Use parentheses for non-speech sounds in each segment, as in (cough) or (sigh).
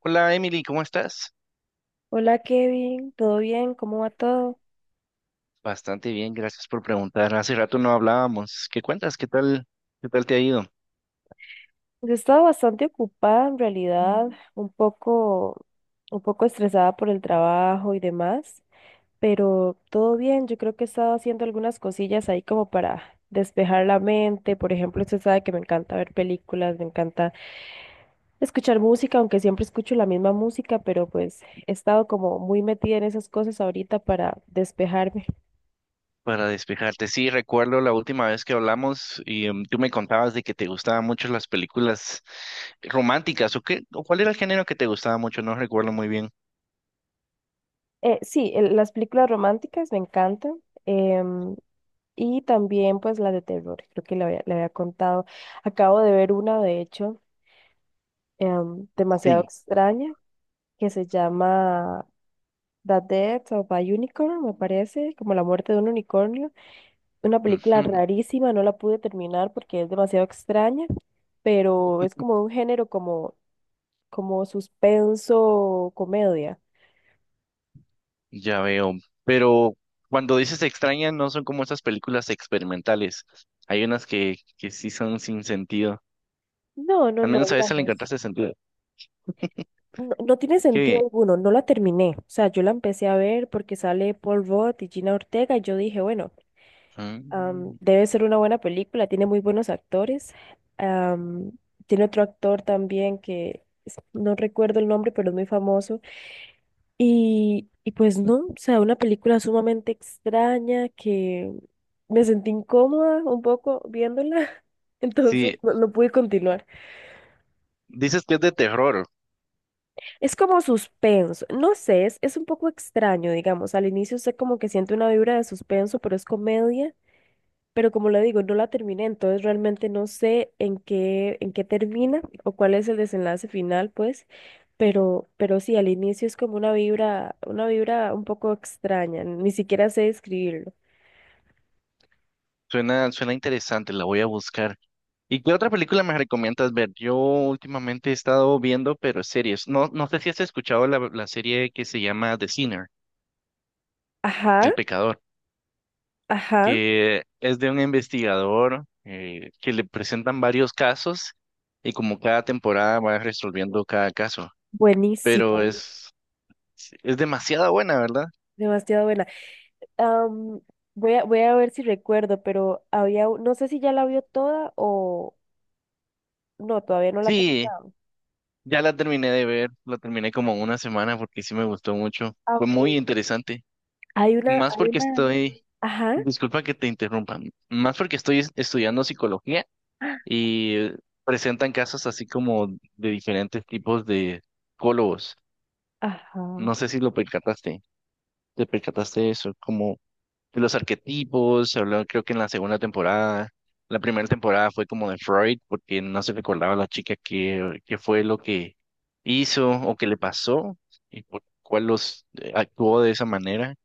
Hola Emily, ¿cómo estás? Hola Kevin, ¿todo bien? ¿Cómo va todo? Bastante bien, gracias por preguntar. Hace rato no hablábamos. ¿Qué cuentas? ¿Qué tal? ¿Qué tal te ha ido? Yo he estado bastante ocupada en realidad, un poco, un poco estresada por el trabajo y demás, pero todo bien. Yo creo que he estado haciendo algunas cosillas ahí como para despejar la mente. Por ejemplo, usted sabe que me encanta ver películas, me encanta escuchar música, aunque siempre escucho la misma música, pero pues he estado como muy metida en esas cosas ahorita para despejarme. Para despejarte. Sí, recuerdo la última vez que hablamos y tú me contabas de que te gustaban mucho las películas románticas o qué, o cuál era el género que te gustaba mucho, no recuerdo muy bien. Sí, las películas románticas me encantan. em, Y también pues las de terror, creo que le había contado. Acabo de ver una, de hecho, demasiado Sí. extraña, que se llama The Death of a Unicorn, me parece, como la muerte de un unicornio. Una película Ujú, rarísima, no la pude terminar porque es demasiado extraña, pero es como un género como, como suspenso, comedia. ya veo. Pero cuando dices extraña, no son como esas películas experimentales. Hay unas que sí son sin sentido. No, no, Al no, menos a esa le digamos. encontraste sentido. No, no tiene Qué sentido bien. alguno, no la terminé. O sea, yo la empecé a ver porque sale Paul Rudd y Gina Ortega y yo dije, bueno, Ah. Debe ser una buena película, tiene muy buenos actores. Am, Tiene otro actor también no recuerdo el nombre, pero es muy famoso. Y pues no, o sea, una película sumamente extraña que me sentí incómoda un poco viéndola. (laughs) Entonces Sí, no pude continuar. dices que es de terror. Es como suspenso, no sé, es un poco extraño, digamos. Al inicio sé como que siento una vibra de suspenso, pero es comedia. Pero como le digo, no la terminé, entonces realmente no sé en qué termina o cuál es el desenlace final, pues, pero sí, al inicio es como una vibra un poco extraña, ni siquiera sé describirlo. Suena, suena interesante, la voy a buscar. ¿Y qué otra película me recomiendas ver? Yo últimamente he estado viendo, pero series. No sé si has escuchado la serie que se llama The Sinner, Ajá, El Pecador, ajá, que es de un investigador que le presentan varios casos y como cada temporada va resolviendo cada caso. Pero buenísima, es demasiado buena, ¿verdad? demasiado buena. Am, voy a ver si recuerdo, pero había, no sé si ya la vio toda o no, todavía no la he Sí, terminado. ya la terminé de ver, la terminé como en una semana porque sí me gustó mucho. Ah, Fue muy ok. interesante. Hay una, Más hay porque una, estoy, ajá. disculpa que te interrumpan, más porque estoy estudiando psicología y presentan casos así como de diferentes tipos de psicólogos. Ajá. No sé si lo percataste, te percataste de eso, como de los arquetipos, se habló creo que en la segunda temporada, la primera temporada fue como de Freud, porque no se recordaba a la chica qué fue lo que hizo o qué le pasó y por cuál los actuó de esa manera,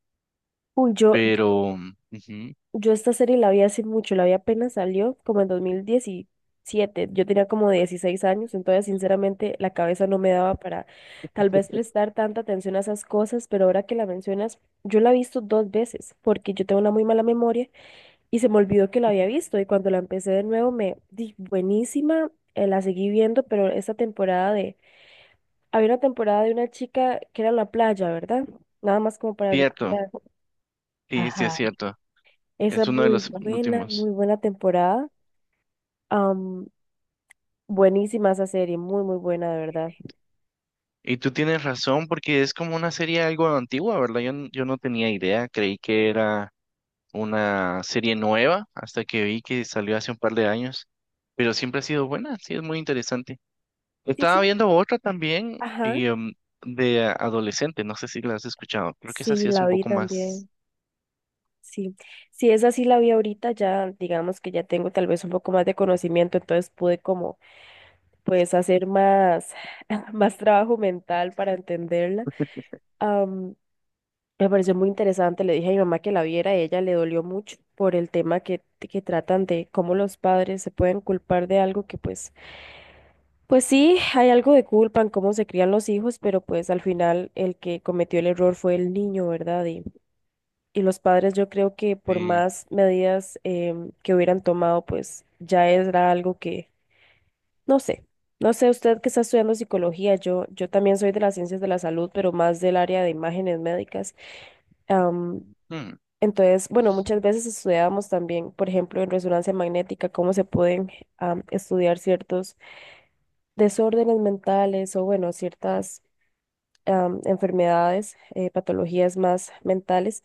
Uy, pero ujú, yo esta serie la vi hace mucho, la vi apenas salió, como en 2017. Yo tenía como 16 años, entonces sinceramente la cabeza no me daba para tal vez prestar tanta atención a esas cosas, pero ahora que la mencionas, yo la he visto dos veces porque yo tengo una muy mala memoria y se me olvidó que la había visto y cuando la empecé de nuevo me di buenísima, la seguí viendo, pero esta temporada de... Había una temporada de una chica que era en la playa, ¿verdad? Nada más como para cierto. recordar. Sí, sí es Ajá. cierto. Esa Es es uno de los muy últimos. buena temporada. Am, buenísima esa serie, muy, muy buena, de verdad. Y tú tienes razón porque es como una serie algo antigua, ¿verdad? Yo no tenía idea, creí que era una serie nueva hasta que vi que salió hace un par de años, pero siempre ha sido buena, sí, es muy interesante. Sí, Estaba sí, viendo otra también ajá, y de adolescente, no sé si la has escuchado, creo que esa sí, sí es la un vi poco más... también. Sí, sí, esa sí la vi ahorita, ya digamos que ya tengo tal vez un poco más de conocimiento, entonces pude como pues hacer más, (laughs) más trabajo mental para entenderla. (laughs) Am, me pareció muy interesante, le dije a mi mamá que la viera y ella le dolió mucho por el tema que tratan de cómo los padres se pueden culpar de algo que Pues sí, hay algo de culpa en cómo se crían los hijos, pero pues al final el que cometió el error fue el niño, ¿verdad? Y los padres yo creo que por eh, más medidas que hubieran tomado, pues ya era algo que, no sé, no sé, usted que está estudiando psicología, yo también soy de las ciencias de la salud, pero más del área de imágenes médicas. am, entonces, bueno, muchas veces estudiábamos también, por ejemplo, en resonancia magnética, cómo se pueden estudiar ciertos desórdenes mentales o bueno, ciertas enfermedades, patologías más mentales,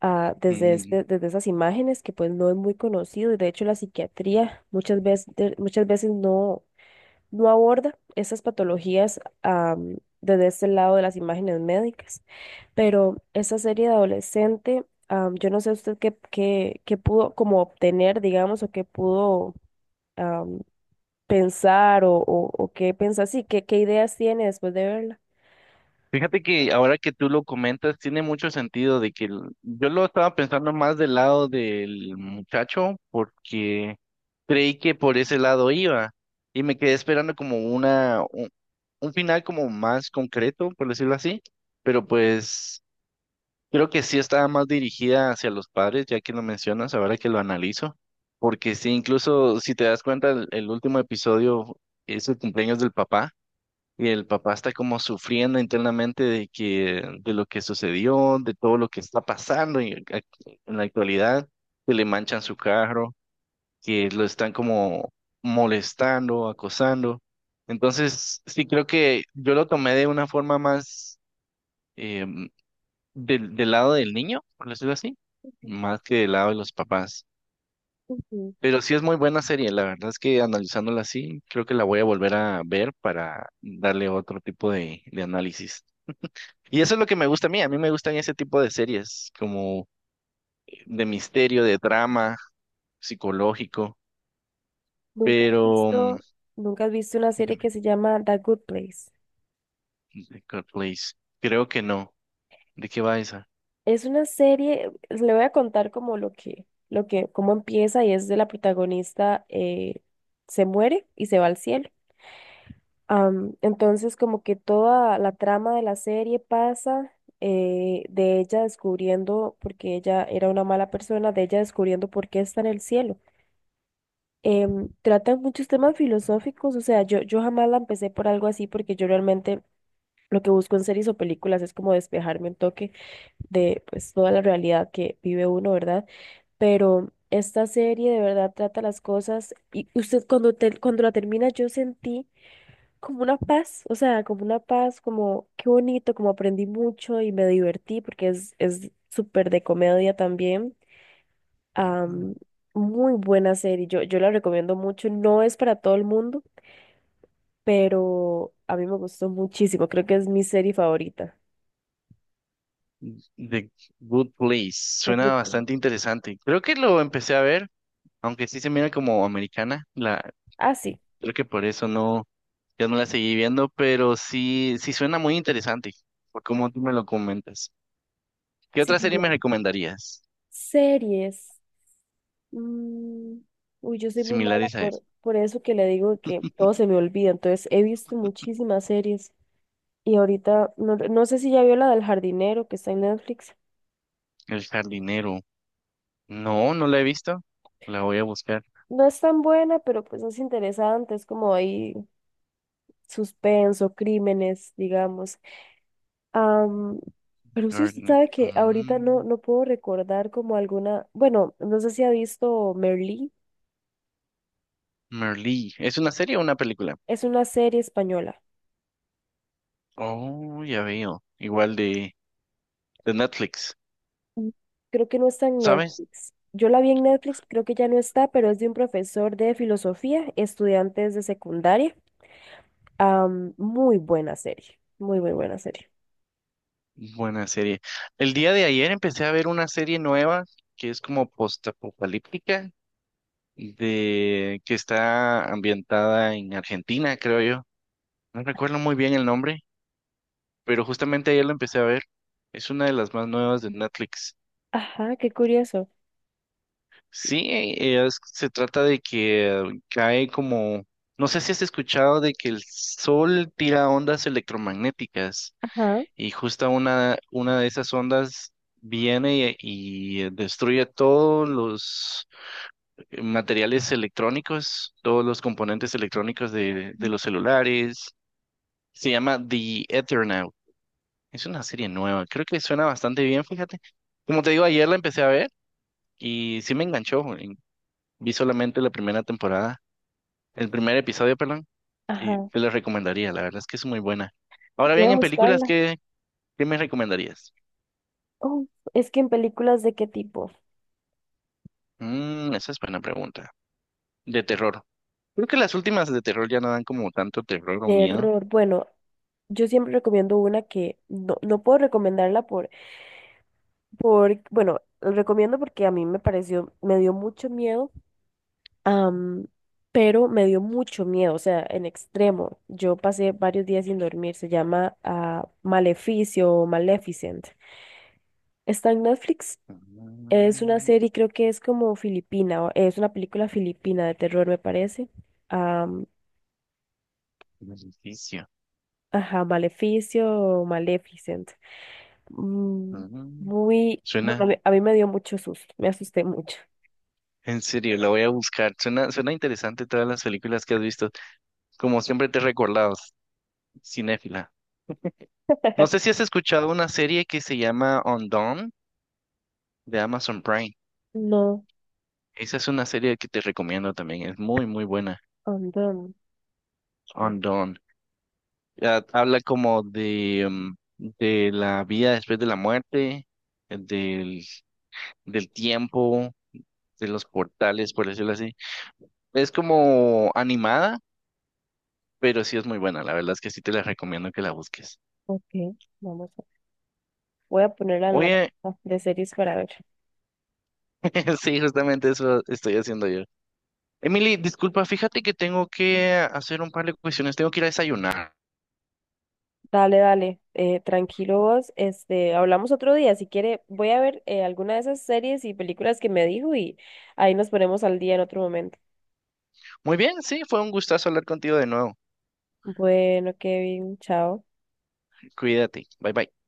hmm, desde esas imágenes que pues no es muy conocido y de hecho la psiquiatría muchas veces no aborda esas patologías desde este lado de las imágenes médicas. Pero esa serie de adolescente, yo no sé usted qué pudo como obtener, digamos, o qué pudo am, pensar o, qué pensar, sí, qué ideas tiene después de verla. Fíjate que ahora que tú lo comentas, tiene mucho sentido de que yo lo estaba pensando más del lado del muchacho porque creí que por ese lado iba y me quedé esperando como un final como más concreto, por decirlo así, pero pues creo que sí estaba más dirigida hacia los padres, ya que lo mencionas, ahora que lo analizo, porque sí, incluso si te das cuenta, el último episodio es el cumpleaños del papá y el papá está como sufriendo internamente de de lo que sucedió, de todo lo que está pasando en la actualidad, que le manchan su carro, que lo están como molestando, acosando. Entonces, sí creo que yo lo tomé de una forma más em, del lado del niño, por decirlo así, más que del lado de los papás. Ujú. Pero sí es muy buena serie, la verdad es que analizándola así, creo que la voy a volver a ver para darle otro tipo de análisis. Y eso es lo que me gusta a mí. A mí me gustan ese tipo de series, como de misterio, de drama, psicológico. Nunca has Pero, mm, visto, nunca has visto una serie que dígame, se llama The Good Place. The Good Place, creo que no. ¿De qué va esa? Es una serie, pues, le voy a contar como cómo empieza y es de la protagonista se muere y se va al cielo. Entonces como que toda la trama de la serie pasa de ella descubriendo, porque ella era una mala persona, de ella descubriendo por qué está en el cielo. Tratan muchos temas filosóficos, o sea, yo jamás la empecé por algo así porque yo realmente lo que busco en series o películas es como despejarme un toque de pues toda la realidad que vive uno, ¿verdad? Pero esta serie de verdad trata las cosas y usted cuando la termina yo sentí como una paz, o sea, como una paz, como qué bonito, como aprendí mucho y me divertí porque es súper de comedia también. Ah, Am, muy buena serie, yo la recomiendo mucho, no es para todo el mundo, pero a mí me gustó muchísimo, creo que es mi serie favorita. The Good Place. La Suena Good Place. bastante interesante. Creo que lo empecé a ver, aunque sí se mira como americana. Ah, sí. Creo que por eso no, ya no la seguí viendo, pero sí, sí suena muy interesante, por cómo tú me lo comentas. ¿Qué Sí, otra sí, serie me no. recomendarías? Series. Mm, uy, yo soy muy mala ¿Similares a esa? por eso que le digo que todo se me olvida. Entonces, he visto muchísimas series. Y ahorita, no sé si ya vio la del jardinero que está en Netflix. El jardinero. No, no la he visto. La voy a buscar. No es tan buena, pero pues es interesante. Es como ahí suspenso, crímenes, digamos. Am, pero sí, usted Merlí. sabe que ahorita no, Mm, no puedo recordar como alguna. Bueno, no sé si ha visto Merlí. Merlí. ¿Es una serie o una película? Es una serie española. Oh, ya veo. Igual de Netflix. Mm, Creo que no está en ¿Sabes? Netflix. Yo la vi en Netflix, creo que ya no está, pero es de un profesor de filosofía, estudiantes de secundaria. Muy buena serie, muy, muy buena serie. Buena serie. El día de ayer empecé a ver una serie nueva que es como postapocalíptica, de que está ambientada en Argentina, creo yo. No recuerdo muy bien el nombre, pero justamente ayer lo empecé a ver. Es una de las más nuevas de Netflix. Ajá, qué curioso. Sí, se trata de que cae como, no sé si has escuchado de que el sol tira ondas electromagnéticas Ajá, y justo una de esas ondas viene y destruye todos los materiales electrónicos, todos los componentes electrónicos de los celulares. Se llama The Eternaut. Es una serie nueva, creo que suena bastante bien, fíjate. Como te digo, ayer la empecé a ver y sí me enganchó. Vi solamente la primera temporada. El primer episodio, perdón, y ajá. te lo recomendaría, la verdad es que es muy buena. Ahora Voy bien, a en películas, buscarla. ¿Qué me recomendarías? Oh, es que en películas de qué tipo? Mm, esa es buena pregunta. De terror. Creo que las últimas de terror ya no dan como tanto terror o miedo. Terror. Bueno, yo siempre recomiendo una que no puedo recomendarla bueno, recomiendo porque a mí me pareció, me dio mucho miedo. Am, pero me dio mucho miedo, o sea, en extremo. Yo pasé varios días sin dormir. Se llama Maleficio o Maleficent. Está en Netflix. Es una Mm, serie, creo que es como filipina, es una película filipina de terror, me parece. Am, Maleficio. ajá, Maleficio o Maleficent. Mm, Mm, bueno, a Suena, mí, a mí me dio mucho susto, me asusté mucho. en serio, la voy a buscar. Suena, suena interesante todas las películas que has visto. Como siempre te he recordado, cinéfila. No sé si has escuchado una serie que se llama On Dawn de Amazon Prime. No, Esa es una serie que te recomiendo también, es muy, muy buena. andamos. Undone. Ya habla como de de la vida después de la muerte, eh, del, del tiempo, de los portales, por decirlo así. Es como animada, pero sí es muy buena. La verdad es que sí te la recomiendo que la busques. Ok, vamos a, voy a ponerla en la Oye, lista de series para ver. (laughs) sí, justamente eso estoy haciendo yo. Emily, disculpa, fíjate que tengo que hacer un par de cuestiones, tengo que ir a desayunar. Dale, dale, tranquilo vos. Este, hablamos otro día. Si quiere, voy a ver alguna de esas series y películas que me dijo y ahí nos ponemos al día en otro momento. Muy bien, sí, fue un gustazo hablar contigo de nuevo. Bueno, Kevin, chao. Cuídate, bye bye.